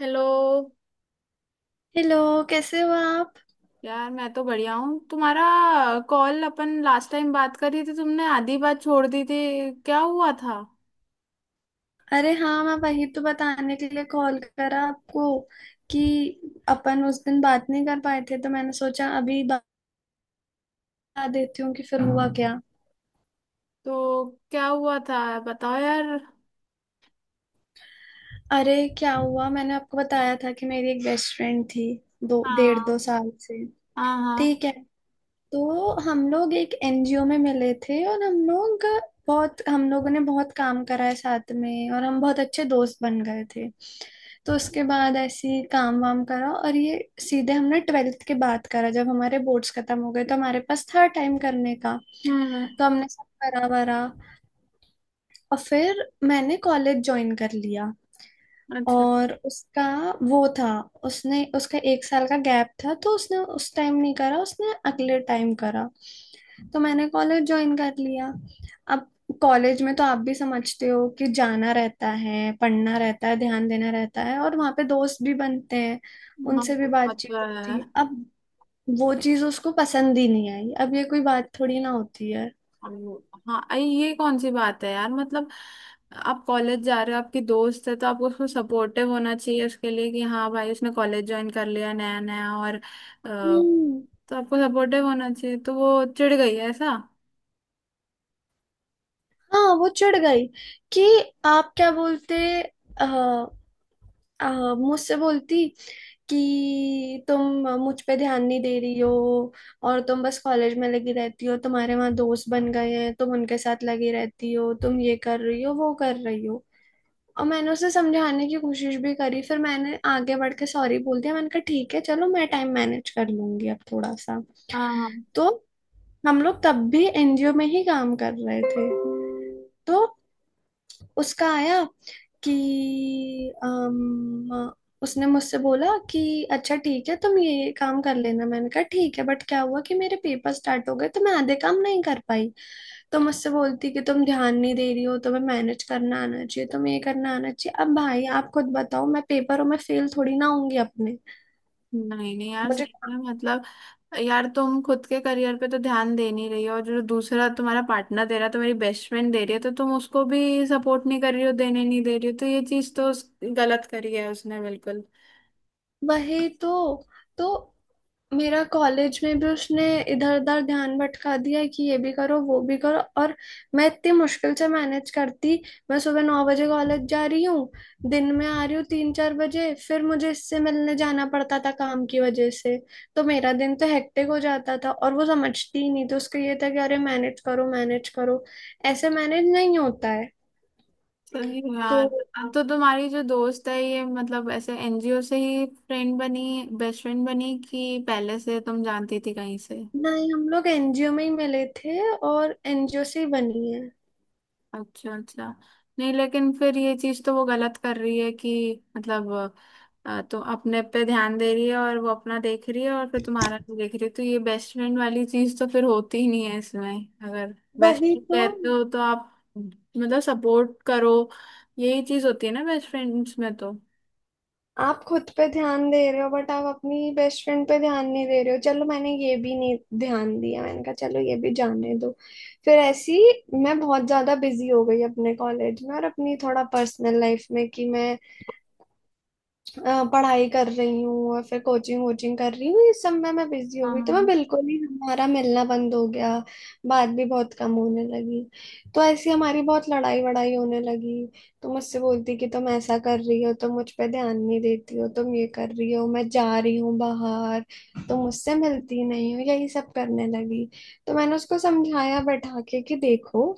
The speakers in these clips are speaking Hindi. हेलो। हेलो। कैसे हो आप? यार मैं तो बढ़िया हूँ। तुम्हारा कॉल, अपन लास्ट टाइम बात कर रही थी, तुमने आधी बात छोड़ दी थी, क्या हुआ था? अरे हाँ, मैं वही तो बताने के लिए कॉल करा आपको कि अपन उस दिन बात नहीं कर पाए थे तो मैंने सोचा अभी बता देती हूँ कि फिर हुआ क्या। तो क्या हुआ था बताओ यार। अरे क्या हुआ, मैंने आपको बताया था कि मेरी एक बेस्ट फ्रेंड थी दो डेढ़ दो हाँ, साल से। हाँ, हाँ। ठीक है। तो हम लोग एक एनजीओ में मिले थे और हम लोगों ने बहुत काम करा है साथ में और हम बहुत अच्छे दोस्त बन गए थे। तो उसके बाद ऐसे ही काम वाम करा और ये सीधे हमने ट्वेल्थ के बाद करा जब हमारे बोर्ड्स खत्म हो गए तो हमारे पास था टाइम करने का। हम्म। तो हमने सब करा वरा और फिर मैंने कॉलेज ज्वाइन कर लिया। अच्छा। और उसका वो था, उसने उसका 1 साल का गैप था तो उसने उस टाइम नहीं करा, उसने अगले टाइम करा। तो मैंने कॉलेज ज्वाइन कर लिया। अब कॉलेज में तो आप भी समझते हो कि जाना रहता है, पढ़ना रहता है, ध्यान देना रहता है और वहाँ पे दोस्त भी बनते हैं, हाँ, उनसे भी वो बात तो बातचीत है। होती है। अब वो चीज़ उसको पसंद ही नहीं आई। अब ये कोई बात थोड़ी ना होती है। हाँ ये कौन सी बात है यार? मतलब आप कॉलेज जा रहे हो, आपकी दोस्त है, तो आपको उसको सपोर्टिव होना चाहिए उसके लिए कि हाँ भाई उसने कॉलेज ज्वाइन कर लिया नया नया। हम्म। तो आपको सपोर्टिव होना चाहिए। तो वो चिढ़ गई है ऐसा? हाँ वो चिढ़ गई कि आप क्या बोलते आ, आ, मुझसे बोलती कि तुम मुझ पे ध्यान नहीं दे रही हो और तुम बस कॉलेज में लगी रहती हो, तुम्हारे वहाँ दोस्त बन गए हैं, तुम उनके साथ लगी रहती हो, तुम ये कर रही हो वो कर रही हो। और मैंने उसे समझाने की कोशिश भी करी, फिर मैंने आगे बढ़ के सॉरी बोल दिया। मैंने कहा ठीक है चलो मैं टाइम मैनेज कर लूंगी अब थोड़ा सा। हाँ। तो हम लोग तब भी एनजीओ में ही काम कर रहे थे। तो उसका आया कि अम, उसने मुझसे बोला कि अच्छा ठीक है तुम ये काम कर लेना। मैंने कहा ठीक है, बट क्या हुआ कि मेरे पेपर स्टार्ट हो गए तो मैं आधे काम नहीं कर पाई। तो मुझसे बोलती कि तुम ध्यान नहीं दे रही हो, तुम्हें मैनेज करना आना चाहिए, तुम्हें ये करना आना चाहिए। अब भाई आप खुद बताओ, मैं पेपरों में फेल थोड़ी ना होंगी अपने। नहीं नहीं यार, मुझे सही है मतलब। यार तुम खुद के करियर पे तो ध्यान दे नहीं रही हो, और जो दूसरा तुम्हारा पार्टनर दे रहा है, तुम्हारी बेस्ट फ्रेंड दे रही है, तो तुम उसको भी सपोर्ट नहीं कर रही हो, देने नहीं दे रही हो। तो ये चीज तो गलत करी है उसने, बिल्कुल। वही तो। तो मेरा कॉलेज में भी उसने इधर उधर ध्यान भटका दिया कि ये भी करो वो भी करो। और मैं इतनी मुश्किल से मैनेज करती। मैं सुबह 9 बजे कॉलेज जा रही हूँ, दिन में आ रही हूँ 3-4 बजे, फिर मुझे इससे मिलने जाना पड़ता था काम की वजह से। तो मेरा दिन तो हेक्टिक हो जाता था और वो समझती ही नहीं। तो उसका ये था कि अरे मैनेज करो मैनेज करो। ऐसे मैनेज नहीं होता है। सही तो यार। अब तो तुम्हारी जो दोस्त है ये, मतलब ऐसे एनजीओ से ही फ्रेंड बनी, बेस्ट फ्रेंड बनी, कि पहले से तुम जानती थी कहीं से? नहीं, हम लोग एनजीओ में ही मिले थे और एनजीओ से ही बनी है। अच्छा, अच्छा। नहीं, लेकिन फिर ये चीज तो वो गलत कर रही है कि मतलब, तो अपने पे ध्यान दे रही है, और वो अपना देख रही है और फिर तुम्हारा नहीं देख रही है, तो ये बेस्ट फ्रेंड वाली चीज तो फिर होती ही नहीं है इसमें। अगर बेस्ट वही फ्रेंड तो। कहते हो तो आप, मतलब सपोर्ट करो। यही चीज होती है ना बेस्ट फ्रेंड्स में तो। आप खुद पे ध्यान दे रहे हो बट आप अपनी बेस्ट फ्रेंड पे ध्यान नहीं दे रहे हो। चलो मैंने ये भी नहीं ध्यान दिया, मैंने कहा चलो ये भी जाने दो। फिर ऐसी मैं बहुत ज्यादा बिजी हो गई अपने कॉलेज में और अपनी थोड़ा पर्सनल लाइफ में कि मैं पढ़ाई कर रही हूँ और फिर कोचिंग वोचिंग कर रही हूँ। इस सब में मैं बिजी हो गई तो मैं हाँ। बिल्कुल ही, हमारा मिलना बंद हो गया। बात भी बहुत कम होने लगी। तो ऐसी हमारी बहुत लड़ाई वड़ाई होने लगी। तो मुझसे बोलती कि तुम ऐसा कर रही हो, तुम मुझ पे ध्यान नहीं देती हो, तुम ये कर रही हो, मैं जा रही हूँ बाहर, तुम मुझसे मिलती नहीं हो, यही सब करने लगी। तो मैंने उसको समझाया बैठा के कि देखो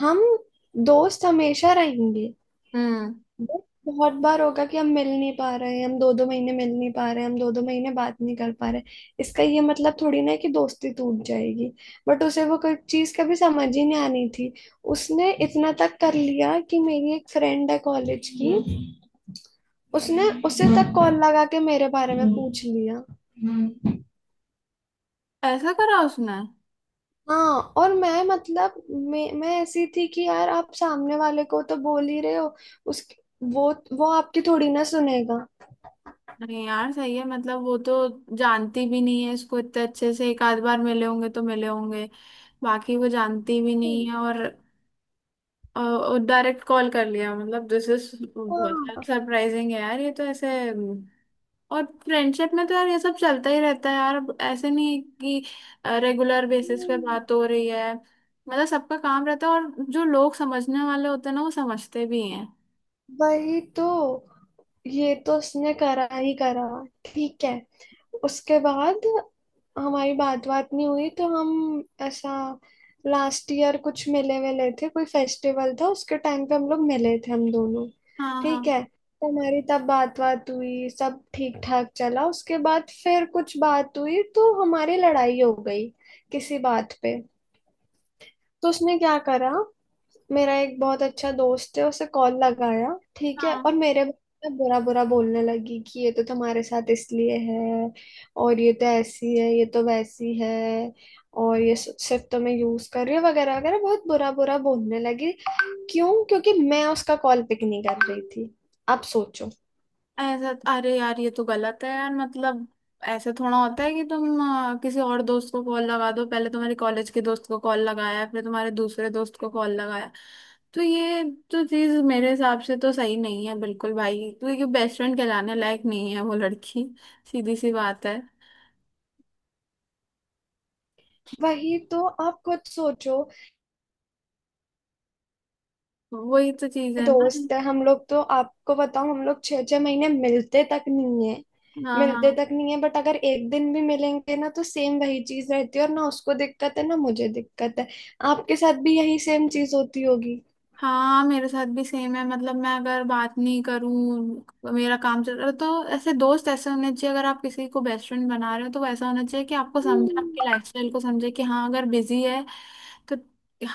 हम दोस्त हमेशा रहेंगे। हम्म। बहुत बार होगा कि हम मिल नहीं पा रहे हैं, हम दो दो महीने मिल नहीं पा रहे हैं, हम दो दो महीने बात नहीं कर पा रहे हैं। इसका ये मतलब थोड़ी ना है कि दोस्ती टूट जाएगी। बट उसे वो कोई चीज कभी समझ ही नहीं आनी थी। उसने इतना तक कर लिया कि मेरी एक फ्रेंड है कॉलेज की, उसने उसे तक कॉल लगा के मेरे बारे में पूछ लिया। ऐसा करा उसने? हाँ। और मैं, मतलब मैं ऐसी थी कि यार आप सामने वाले को तो बोल ही रहे हो उस वो वो आपकी थोड़ी ना सुनेगा। नहीं यार सही है मतलब, वो तो जानती भी नहीं है इसको इतने अच्छे से, एक आध बार मिले होंगे तो मिले होंगे, बाकी वो जानती भी नहीं है। और डायरेक्ट कॉल कर लिया, मतलब दिस इज बहुत हाँ। सरप्राइजिंग है यार। ये तो ऐसे और फ्रेंडशिप में तो यार ये सब चलता ही रहता है यार। अब ऐसे नहीं है कि रेगुलर बेसिस पे हम्म, बात हो रही है, मतलब सबका काम रहता है, और जो लोग समझने वाले होते हैं ना, वो समझते भी हैं। वही तो। ये तो उसने करा ही करा। ठीक है, उसके बाद हमारी बात बात नहीं हुई तो हम ऐसा, लास्ट ईयर कुछ मिले विले थे, कोई फेस्टिवल था उसके टाइम पे हम लोग मिले थे हम दोनों। हाँ, ठीक हाँ। है, तो हमारी तब बात बात हुई, सब ठीक ठाक चला। उसके बाद फिर कुछ बात हुई तो हमारी लड़ाई हो गई किसी बात पे। तो उसने क्या करा, मेरा एक बहुत अच्छा दोस्त है उसे कॉल लगाया। ठीक है। और हाँ। मेरे बारे में बुरा बुरा बोलने लगी कि ये तो तुम्हारे साथ इसलिए है और ये तो ऐसी है, ये तो वैसी है और ये सिर्फ तुम्हें यूज कर रही है वगैरह वगैरह, बहुत बुरा बुरा बोलने लगी। क्यों? क्योंकि मैं उसका कॉल पिक नहीं कर रही थी। आप सोचो। अरे यार ये तो गलत है यार, मतलब ऐसे थोड़ा होता है कि तुम, किसी और दोस्त को कॉल लगा दो, पहले तुम्हारे कॉलेज के दोस्त को कॉल लगाया, फिर तुम्हारे दूसरे दोस्त को कॉल लगाया। तो ये, तो चीज मेरे हिसाब से तो सही नहीं है बिल्कुल भाई, क्योंकि बेस्ट फ्रेंड कहलाने लायक नहीं है वो लड़की। सीधी सी बात है। वही तो, आप खुद सोचो। वही तो चीज है ना। दोस्त है हम लोग, तो आपको बताऊं हम लोग छह छह महीने मिलते तक नहीं है, हाँ, मिलते हाँ। तक नहीं है। बट अगर एक दिन भी मिलेंगे ना तो सेम वही चीज रहती है और ना उसको दिक्कत है ना मुझे दिक्कत है। आपके साथ भी यही सेम चीज होती होगी। हाँ मेरे साथ भी सेम है, मतलब मैं अगर बात नहीं करूँ, मेरा काम चल रहा है, तो ऐसे दोस्त ऐसे होने चाहिए। अगर आप किसी को बेस्ट फ्रेंड बना रहे हो तो वो ऐसा होना चाहिए कि आपको समझे, आपके हम्म। लाइफस्टाइल को समझे कि हाँ अगर बिजी है, तो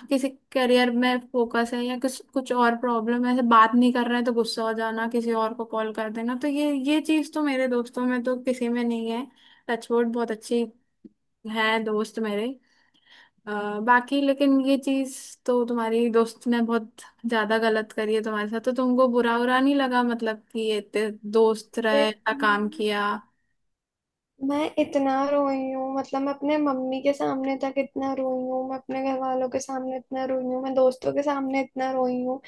किसी करियर में फोकस है या कुछ कुछ और प्रॉब्लम है, ऐसे बात नहीं कर रहे हैं, तो गुस्सा हो जाना, किसी और को कॉल कर देना, तो ये चीज़ तो मेरे दोस्तों में तो किसी में नहीं है, टचवुड, बहुत अच्छी है दोस्त मेरे। बाकी लेकिन ये चीज, तो तुम्हारी दोस्त ने बहुत ज्यादा गलत करी है तुम्हारे साथ। तो तुमको बुरा उरा नहीं लगा मतलब, कि ये दोस्त अरे, रहे, इतना काम किया? मैं इतना रोई हूँ, मतलब मैं अपने मम्मी के सामने तक इतना रोई हूँ, मैं अपने घर वालों के सामने इतना रोई हूँ, मैं दोस्तों के सामने इतना रोई हूँ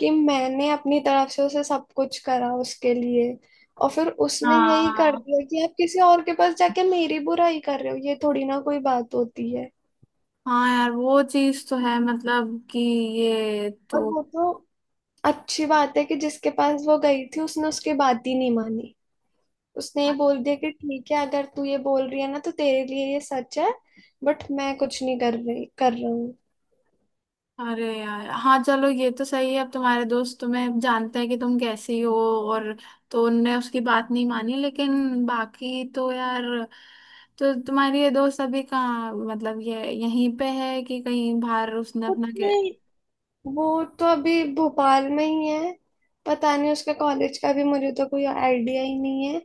कि मैंने अपनी तरफ से उसे सब कुछ करा उसके लिए। और फिर उसने यही कर हाँ। दिया कि आप किसी और के पास जाके मेरी बुराई कर रहे हो। ये थोड़ी ना कोई बात होती है। हाँ यार वो चीज तो है मतलब कि, ये तो, और वो तो अच्छी बात है कि जिसके पास वो गई थी उसने उसकी बात ही नहीं मानी। उसने ये बोल दिया कि ठीक है अगर तू ये बोल रही है ना तो तेरे लिए ये सच है, बट मैं कुछ नहीं कर रही, कर रहा हूँ। अरे यार हाँ, चलो ये तो सही है, अब तुम्हारे दोस्त तुम्हें जानते हैं कि तुम कैसी हो, और तो उनने उसकी बात नहीं मानी। लेकिन बाकी तो यार, तो तुम्हारी ये दोस्त अभी कहाँ, मतलब ये यहीं पे है कि कहीं बाहर उसने कुछ अपना के? नहीं। वो तो अभी भोपाल में ही है। पता नहीं, उसका कॉलेज का भी मुझे तो कोई आइडिया ही नहीं है।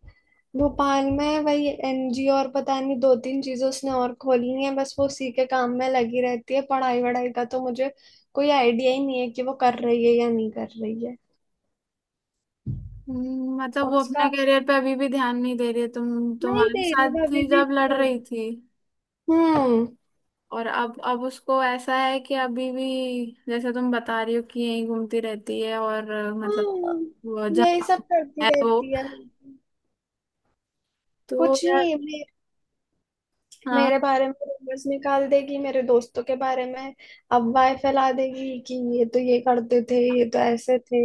भोपाल में है, वही एनजीओ और पता नहीं दो तीन चीजें उसने और खोली हैं, बस वो उसी के काम में लगी रहती है। पढ़ाई वढ़ाई का तो मुझे कोई आइडिया ही नहीं है कि वो कर रही है या नहीं कर रही है। मतलब और वो अपना उसका, करियर पे अभी भी ध्यान नहीं दे रही है? तुम नहीं तुम्हारे दे रही, साथ भाभी थी भी जब लड़ नहीं दे रही रही। थी, हम्म। और अब उसको ऐसा है कि अभी भी जैसे तुम बता रही हो कि यहीं घूमती रहती है और मतलब वो हम्म, यही जहाँ सब करती है वो, रहती है। तो कुछ यार। नहीं हाँ, मेरे बारे में रूमर्स निकाल देगी, मेरे दोस्तों के बारे में अफवाह फैला देगी कि ये तो ये करते थे, ये तो ऐसे थे।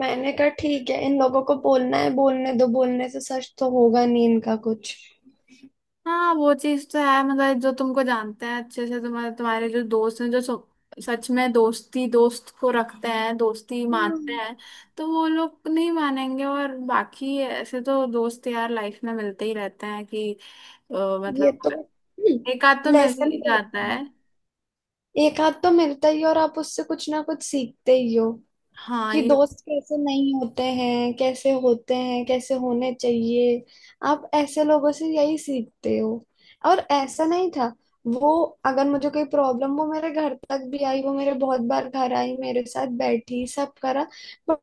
मैंने कहा ठीक है, इन लोगों को बोलना है बोलने दो, बोलने से सच तो होगा नहीं इनका कुछ। हाँ। वो चीज तो है मतलब, जो तुमको जानते हैं अच्छे से, तुम्हारे तुम्हारे जो दोस्त हैं, जो सच में दोस्ती, दोस्त को रखते हैं, दोस्ती मानते हम्म, हैं, तो वो लोग नहीं मानेंगे। और बाकी ऐसे तो दोस्त यार लाइफ में मिलते ही रहते हैं कि, ये मतलब तो एक आध तो मिल लेसन ही रहता जाता है। है। एक हाथ तो मिलता ही है और आप उससे कुछ ना कुछ सीखते ही हो हाँ कि ये। दोस्त कैसे नहीं होते हैं, कैसे होते हैं, कैसे होने चाहिए। आप ऐसे लोगों से यही सीखते हो। और ऐसा नहीं था वो, अगर मुझे कोई प्रॉब्लम, वो मेरे घर तक भी आई, वो मेरे बहुत बार घर आई, मेरे साथ बैठी सब करा। बट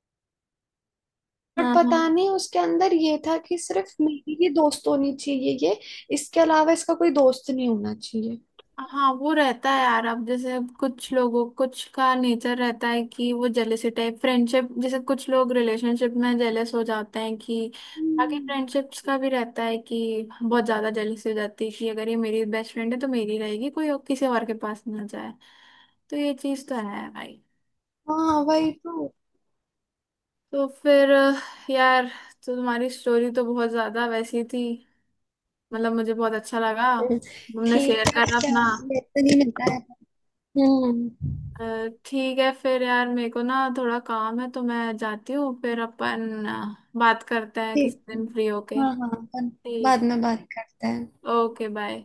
बट हाँ, पता हाँ। नहीं उसके अंदर ये था कि सिर्फ मेरी ही दोस्त होनी चाहिए ये, इसके अलावा इसका कोई दोस्त नहीं होना चाहिए। हाँ वो रहता है यार, अब जैसे कुछ लोगों, कुछ का नेचर रहता है कि वो जेलेसी टाइप फ्रेंडशिप, जैसे कुछ लोग रिलेशनशिप में जेलेस हो जाते हैं कि, बाकी हम्म। फ्रेंडशिप्स का भी रहता है कि बहुत ज्यादा जेलेसी हो जाती है कि अगर ये मेरी बेस्ट फ्रेंड है तो मेरी रहेगी, कोई और किसी और के पास ना जाए, तो ये चीज तो है भाई। हाँ वही तो। तो फिर यार तो तुम्हारी स्टोरी तो बहुत ज्यादा वैसी थी, मतलब मुझे बहुत अच्छा लगा तुमने शेयर ठीक है करा क्या? अपना। ये तो नहीं मिलता है। हम्म। अ, ठीक है फिर यार, मेरे को ना थोड़ा काम है, तो मैं जाती हूँ। फिर अपन बात करते हैं किसी ठीक है। दिन फ्री होके। हाँ हाँ, अपन बाद ठीक में बात करते हैं। है। Okay bye.